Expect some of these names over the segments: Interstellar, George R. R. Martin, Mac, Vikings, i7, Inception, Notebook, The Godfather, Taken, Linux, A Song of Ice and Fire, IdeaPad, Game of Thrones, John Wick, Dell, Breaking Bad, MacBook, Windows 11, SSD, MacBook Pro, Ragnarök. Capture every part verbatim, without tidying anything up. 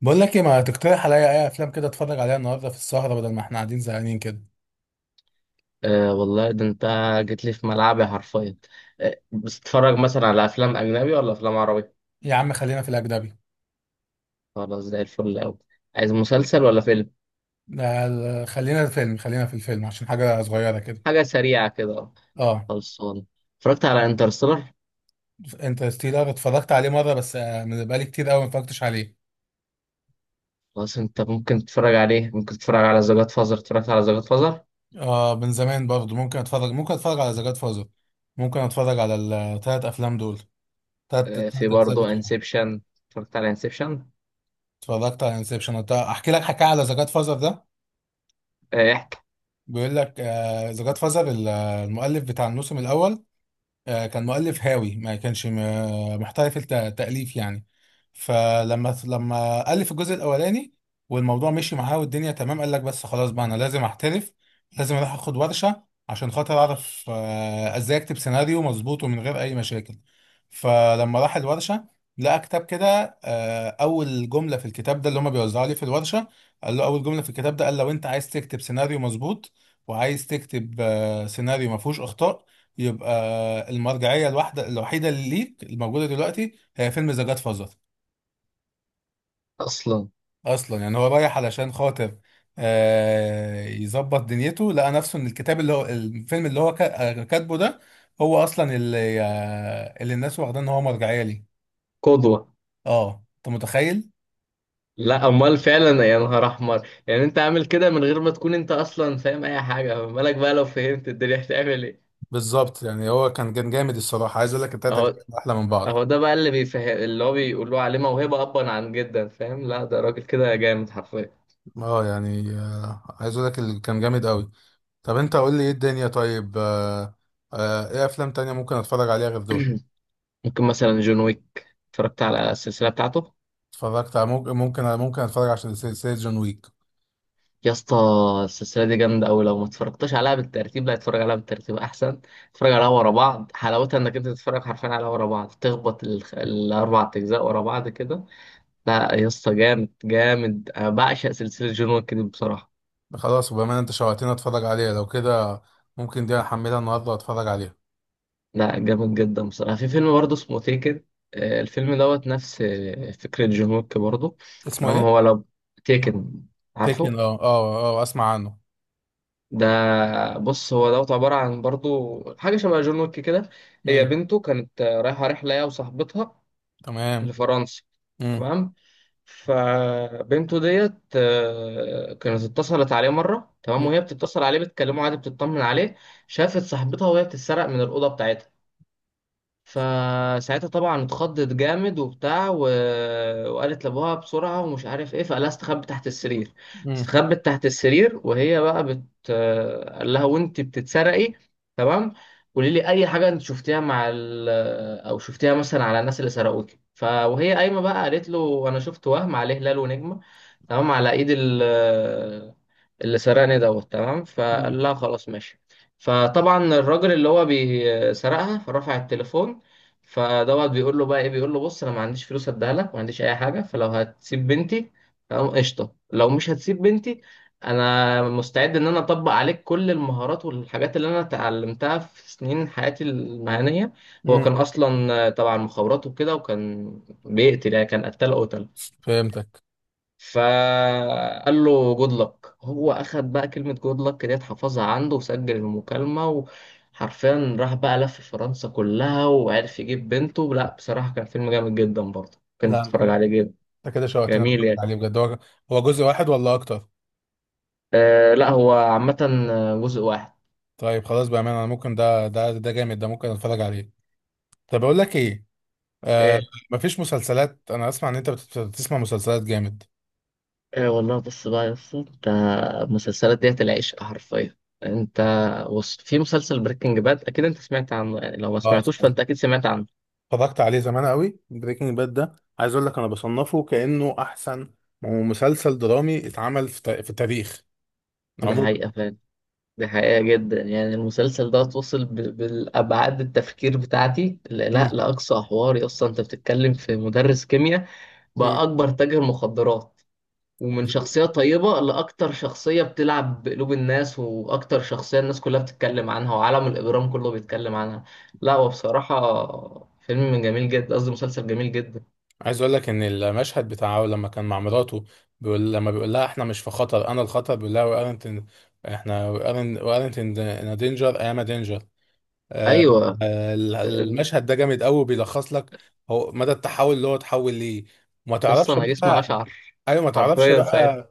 بقول لك ايه ما تقترح عليا اي افلام كده اتفرج عليها النهارده في السهره بدل ما احنا قاعدين زهقانين كده؟ أه والله، ده انت جيت لي في ملعبي حرفيا. أه، بتتفرج مثلا على افلام اجنبي ولا افلام عربي؟ يا عم خلينا في الاجنبي. خلاص، زي الفل قوي. عايز مسلسل ولا فيلم؟ لا لا، خلينا الفيلم خلينا في الفيلم عشان حاجه صغيره كده. حاجه سريعه كده. اه، خلصان. اتفرجت على انترستيلر. انترستيلر اتفرجت عليه مره بس آه، من بقالي كتير قوي ما اتفرجتش عليه. خلاص، انت ممكن تتفرج عليه، ممكن تتفرج على ذا جاد فازر. اتفرجت على ذا جاد فازر. اه، من زمان برضه ممكن اتفرج ممكن اتفرج على ذا جاد فازر. ممكن اتفرج على الثلاث افلام دول. ثلاث ثلاث أه، في اجزاء برضه بتوعه. انسبشن. اتفرجت على انسبشن. اتفرجت على انسبشن. احكي لك حكايه على ذا جاد فازر ده. أه، احكي. بيقول لك آه، ذا جاد فازر المؤلف بتاع الموسم الاول، آه، كان مؤلف هاوي، ما كانش م- محترف التأليف يعني. فلما لما ألف الجزء الأولاني والموضوع مشي معاه والدنيا تمام، قال لك بس خلاص بقى أنا لازم أحترف، لازم أروح أخد ورشة عشان خاطر أعرف آه، إزاي أكتب سيناريو مظبوط ومن غير أي مشاكل. فلما راح الورشة لقى كتاب كده، آه، أول جملة في الكتاب ده اللي هما بيوزعوا لي في الورشة، قال له أول جملة في الكتاب ده، قال لو أنت عايز تكتب سيناريو مظبوط وعايز تكتب آه، سيناريو ما فيهوش أخطاء، يبقى المرجعيه الواحده الوحيده اللي ليك الموجوده دلوقتي هي فيلم ذا جاد فازر. اصلا. اصلا يعني هو رايح علشان خاطر آه، يظبط دنيته، لقى نفسه ان الكتاب اللي هو الفيلم اللي هو كا- كاتبه ده، هو اصلا اللي آه، اللي الناس واخداه ان هو مرجعيه ليه. قدوه. اه، انت متخيل؟ لا امال فعلا، يا نهار احمر. يعني انت عامل كده من غير ما تكون انت اصلا فاهم اي حاجه، مالك بقى لو فهمت الدنيا هتعمل ايه. بالظبط، يعني هو كان كان جامد الصراحه. عايز اقول لك التلاته اهو. كانوا احلى من بعض. هو ده بقى اللي بيفهم، اللي هو بيقولوا عليه موهبة أبا عن جدا. فاهم، لا ده راجل كده جامد حرفيا. اه يعني، آه، عايز اقول لك اللي كان جامد قوي. طب انت قول لي ايه الدنيا، طيب، آه، آه، ايه افلام تانية ممكن اتفرج عليها غير دول؟ ممكن مثلا جون ويك، اتفرجت على السلسلة بتاعته. اتفرجت على، ممكن ممكن ممكن اتفرج عشان سلسلة جون ويك. يا اسطى، السلسلة دي جامدة أوي. لو ما اتفرجتش عليها بالترتيب، لا اتفرج عليها بالترتيب أحسن. اتفرج عليها ورا بعض، حلاوتها إنك أنت تتفرج حرفيا عليها ورا بعض، تخبط الخ- الأربع أجزاء ورا بعض كده. لا يا اسطى، جامد جامد. أنا بعشق سلسلة جون ويك دي بصراحة. خلاص وبما انت شوقتني اتفرج عليها لو كده، ممكن دي احملها النهارده واتفرج عليها. لا، جامد جدا بصراحة. في فيلم برضه اسمه تيكن. آه، الفيلم دوت نفس آه، فكرة جون ويك برضه. اسمه تمام. ايه؟ هو لو. تيكن. تيكن. عارفه. اه اه اه، اسمع عنه. ده. بص هو دوت عبارة عن برضه حاجة شبه جون ويك كده. هي امم. بنته كانت آه، رايحة رحلة هي وصاحبتها تمام. لفرنسا. امم. تمام. فبنته ديت آه، كانت اتصلت عليه مرة. تمام. وهي بتتصل عليه بتكلمه عادي، بتطمن عليه. شافت صاحبتها وهي بتتسرق من الأوضة بتاعتها. فساعتها طبعا اتخضت جامد وبتاع و... وقالت لابوها بسرعة ومش عارف ايه، فقالها استخبت تحت السرير. امم. استخبت تحت السرير، وهي بقى بت قال لها وانت بتتسرقي. تمام. قولي لي اي حاجة انت شفتيها مع ال... او شفتيها مثلا على الناس اللي سرقوكي. ف... وهي قايمة بقى قالت له انا شفت وهم عليه هلال ونجمة. تمام، على ايد ال... اللي سرقني دوت. تمام. فقال لها خلاص ماشي. فطبعا الراجل اللي هو بيسرقها فرفع التليفون، فدوت بيقول له بقى ايه. بيقول له بص، انا ما عنديش فلوس اديها لك، ما عنديش اي حاجه، فلو هتسيب بنتي تمام قشطه. لو مش هتسيب بنتي، انا مستعد ان انا اطبق عليك كل المهارات والحاجات اللي انا اتعلمتها في سنين حياتي المهنيه. هو امم. كان اصلا آه، طبعا مخابرات وكده، وكان بيقتل يعني. كان قتال قتل. فهمتك. فقال له جود لك. هو اخد بقى كلمه جود لك ديت، حفظها عنده وسجل المكالمه. وحرفيا راح بقى لف فرنسا كلها وعرف يجيب بنته. لا بصراحه كان فيلم جامد جدا برضه، كان لا، تتفرج عليه جدا. انت كده شوقتني اتفرج جميل يعني. عليه بجد. هو هو جزء واحد ولا اكتر؟ آه لا، هو عامه جزء واحد. طيب خلاص بامانه، انا ممكن ده ده ده جامد ده ممكن اتفرج عليه. طب اقول لك ايه؟ آه. آه. مفيش مسلسلات؟ انا اسمع ان انت بت- بتسمع مسلسلات جامد. آه والله، بص بقى يا اسطى. انت المسلسلات ديت العشق حرفيا. انت بص، في مسلسل بريكنج باد اكيد انت سمعت عنه، يعني لو ما اه، سمعتوش فانت اكيد سمعت عنه. اتفرجت عليه زمان قوي. بريكنج باد ده عايز اقول لك انا بصنفه كانه احسن مسلسل درامي اتعمل في تا- في التاريخ ده عموما. حقيقه. دي حقيقة جدا يعني. المسلسل ده توصل ب- بالأبعاد التفكير بتاعتي لا لا مم. لأقصى حواري. أصلا أنت بتتكلم في مدرس كيمياء بقى مم. أكبر تاجر مخدرات، ومن شخصية طيبة لأكتر شخصية بتلعب بقلوب الناس، وأكتر شخصية الناس كلها بتتكلم عنها وعالم الإجرام كله بيتكلم عنها. لا هو بصراحة فيلم جميل جدا، قصدي مسلسل جميل جدا. عايز اقول لك ان المشهد بتاعه لما كان مع مراته، بيقول لما بيقول لها احنا مش في خطر، انا الخطر، بيقول لها وارنت، احنا وارنت، وارنت ان دينجر، اي ام دينجر. أيوة. أم، المشهد ده جامد قوي، بيلخص لك هو مدى التحول اللي هو اتحول ليه. ما قصة تعرفش أنا جسمي بقى. أشعر ايوه، ما تعرفش حرفيا بقى. ساعتها.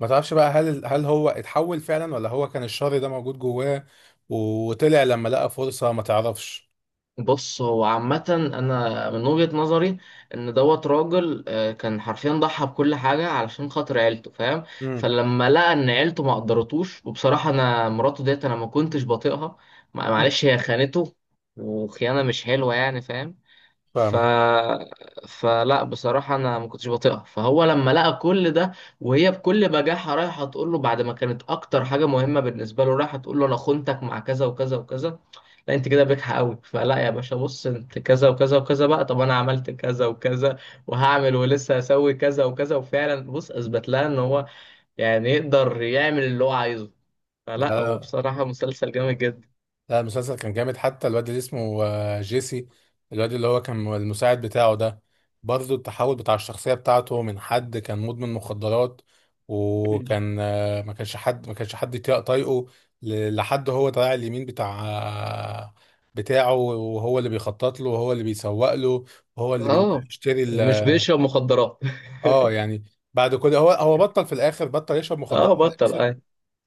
ما تعرفش بقى هل هل هو اتحول فعلا ولا هو كان الشر ده موجود جواه وطلع لما لقى فرصة. ما تعرفش. بص هو عامة أنا من وجهة نظري إن دوت راجل آه، كان حرفيا ضحى بكل حاجة علشان خاطر عيلته، فاهم. امم. فلما لقى إن عيلته ما قدرتوش، وبصراحة أنا مراته ديت أنا ما كنتش بطيقها. مع- معلش، هي خانته، وخيانة مش حلوة يعني، فاهم. ف... فاهمك. فلا بصراحة أنا ما كنتش بطيقها. فهو لما لقى كل ده، وهي بكل بجاحة رايحة تقول له بعد ما كانت أكتر حاجة مهمة بالنسبة له، رايحة تقول له أنا خنتك مع كذا وكذا وكذا. لا انت كده بجحة قوي. فلا يا باشا بص، انت كذا وكذا وكذا بقى. طب انا عملت كذا وكذا، وهعمل ولسه هسوي كذا وكذا. وفعلا بص، اثبت لها ان هو يعني يقدر يعمل اللي هو عايزه. فلا هو لا، بصراحة مسلسل جامد جدا. لا المسلسل كان جامد. حتى الواد اللي اسمه آه، جيسي، الواد اللي هو كان المساعد بتاعه ده، برضه التحول بتاع الشخصية بتاعته من حد كان مدمن مخدرات وكان، آه، ما كانش حد ما كانش حد يطيق- طايقه، ل- لحد هو طالع اليمين بتاع آه، بتاعه، وهو اللي بيخطط له، وهو اللي بيسوق له، وهو اللي اه. بيشتري ال- ومش بيشرب مخدرات. اه يعني، بعد كل، هو هو بطل في الاخر، بطل يشرب مخدرات اه بطل اه.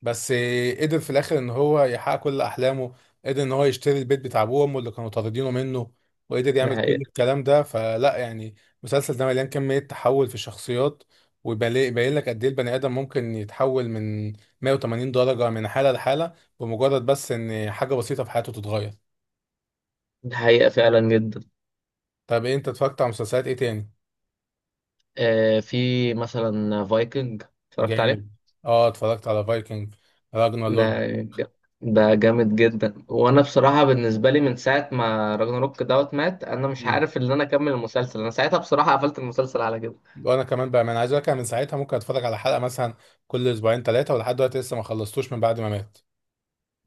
بس. قدر في الاخر ان هو يحقق كل احلامه، قدر ان هو يشتري البيت بتاع ابوه وامه اللي كانوا طاردينه منه، وقدر ده يعمل كل حقيقة. الكلام ده. فلا يعني، المسلسل ده مليان كمية تحول في الشخصيات، ويبين لك قد ايه البني ادم ممكن يتحول من مية وثمانين درجة من حالة لحالة بمجرد بس ان حاجة بسيطة في حياته تتغير. ده حقيقة فعلا جدا. طب إيه، انت اتفرجت على مسلسلات ايه تاني؟ آه، في مثلا فايكنج، اتفرجت عليه. جامد. اه، اتفرجت على فايكنج، راجنر لورد. ده ج- ده جامد جدا. وانا بصراحه بالنسبه لي من ساعه ما راجناروك دوت مات، انا مش عارف ان انا اكمل المسلسل. انا ساعتها بصراحه قفلت المسلسل على كده. وانا كمان بقى، ما انا عايز اقول لك، أنا من ساعتها ممكن اتفرج على حلقه مثلا كل اسبوعين ثلاثه، ولحد دلوقتي لسه ما خلصتوش من بعد ما مات.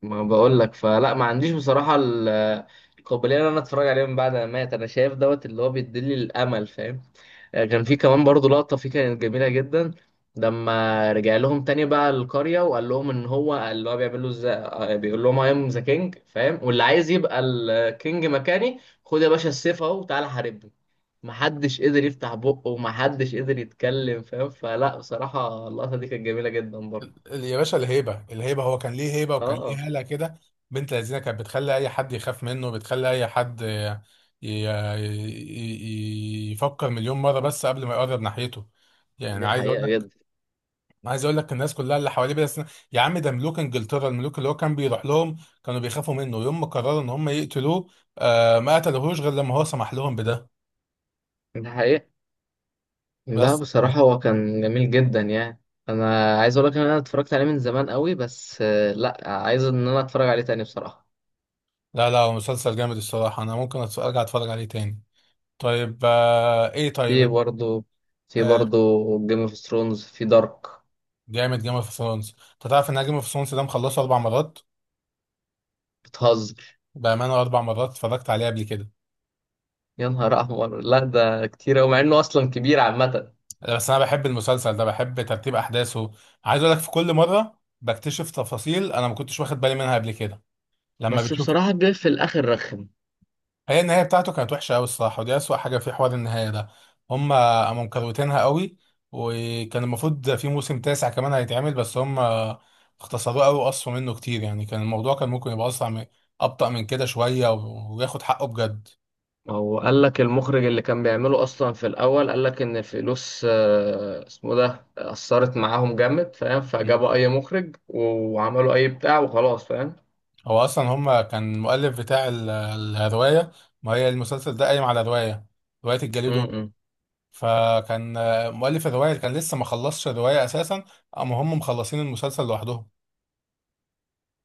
ما بقول لك، فلا ما عنديش بصراحه ال- القابليه ان انا اتفرج عليه من بعد ما مات. انا شايف دوت اللي هو بيديلي الامل، فاهم. آه، كان في كمان برضه لقطة فيه كانت جميلة جدا. لما رجع لهم تاني بقى القرية، وقال لهم ان هو اللي هو بيعمل له ازاي. آه، بيقول لهم اي ام ذا كينج، فاهم. واللي عايز يبقى الكينج مكاني، خد يا باشا السيف اهو وتعالى حاربني. محدش قدر يفتح بقه ومحدش قدر يتكلم، فاهم. فلا بصراحة اللقطة دي كانت جميلة جدا برضه. ال- يا باشا الهيبه، الهيبه، هو كان ليه هيبه وكان اه. ليه هاله كده. بنت لذينه كانت بتخلي اي حد يخاف منه، بتخلي اي حد ي- ي- ي- يفكر مليون مره بس قبل ما يقرب ناحيته. يعني دي عايز اقول حقيقة لك، جدا. عايز اقول لك الناس كلها اللي حواليه بس، يا عم ده ملوك انجلترا، الملوك اللي هو كان بيروح لهم كانوا بيخافوا منه. يوم ما قرروا ان هم يقتلوه، آه، ما قتلوهوش غير لما هو سمح لهم بده. دي حقيقة. لا بس، بصراحة هو كان جميل جدا يعني. انا عايز اقول لك ان انا اتفرجت عليه من زمان قوي بس، آه، لا عايز ان انا اتفرج عليه تاني بصراحة. لا لا، هو مسلسل جامد الصراحة، أنا ممكن أتف- أرجع أتفرج عليه تاني. طيب، آه إيه في طيب؟ برضه في آه. برضه جيم اوف ثرونز. في دارك. جامد، جيم اوف ثرونز. أنت تعرف إن أنا جيم اوف ثرونز ده مخلصه أربع مرات؟ بتهزر. بأمانة، أربع مرات اتفرجت عليه قبل كده. يا نهار احمر، لا ده كتير قوي مع انه اصلا كبير عامه. بس أنا بحب المسلسل ده، بحب ترتيب أحداثه. عايز أقول لك في كل مرة بكتشف تفاصيل أنا ما كنتش واخد بالي منها قبل كده لما بس بتشوف. بصراحة جه في الآخر رخم. هي النهاية بتاعته كانت وحشة أوي الصراحة، ودي أسوأ حاجة في حوار النهاية ده. هما قاموا مكروتينها أوي، وكان المفروض في موسم تاسع كمان هيتعمل، بس هما اختصروه أوي وقصوا منه كتير. يعني كان الموضوع كان ممكن يبقى أسرع من، أبطأ من كده شوية، و- وياخد حقه بجد. هو قال لك المخرج اللي كان بيعمله اصلا في الاول، قال لك ان الفلوس آه، اسمه ده اثرت معاهم جامد، فاهم. مم. فجابوا اي مخرج وعملوا اي بتاع وخلاص، فاهم. هو أصلا هما كان المؤلف بتاع ال- الرواية، ما هي المسلسل ده قايم على رواية، رواية الجليد والنار. امم. فكان مؤلف الرواية كان لسه ما خلصش الرواية أساسا أما هم مخلصين المسلسل لوحدهم،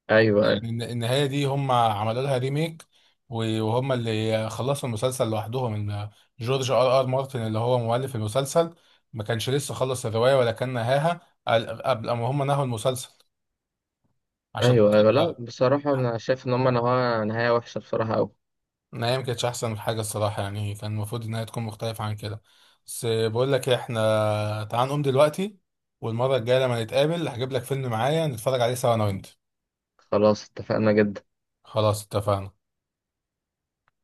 ايوه ايوه. يعني الن- النهاية دي هم عملوا لها ريميك، و- وهم اللي خلصوا المسلسل لوحدهم. ان جورج ار ار مارتن اللي هو مؤلف المسلسل ما كانش لسه خلص الرواية ولا كان نهاها قال- قبل ما هم نهوا المسلسل عشان ايوه ايوه. لا خاطر. بصراحه انا شايف ان هم نهايه نهايه وحشه بصراحه قوي. النهاية ما كانتش أحسن حاجة الصراحة، يعني كان المفروض إنها تكون مختلفة عن كده. بس بقول لك إيه، إحنا تعال نقوم دلوقتي، والمرة الجاية لما نتقابل هجيب لك فيلم معايا نتفرج عليه سوا أنا وأنت. خلاص اتفقنا جدا. خلاص اتفقنا.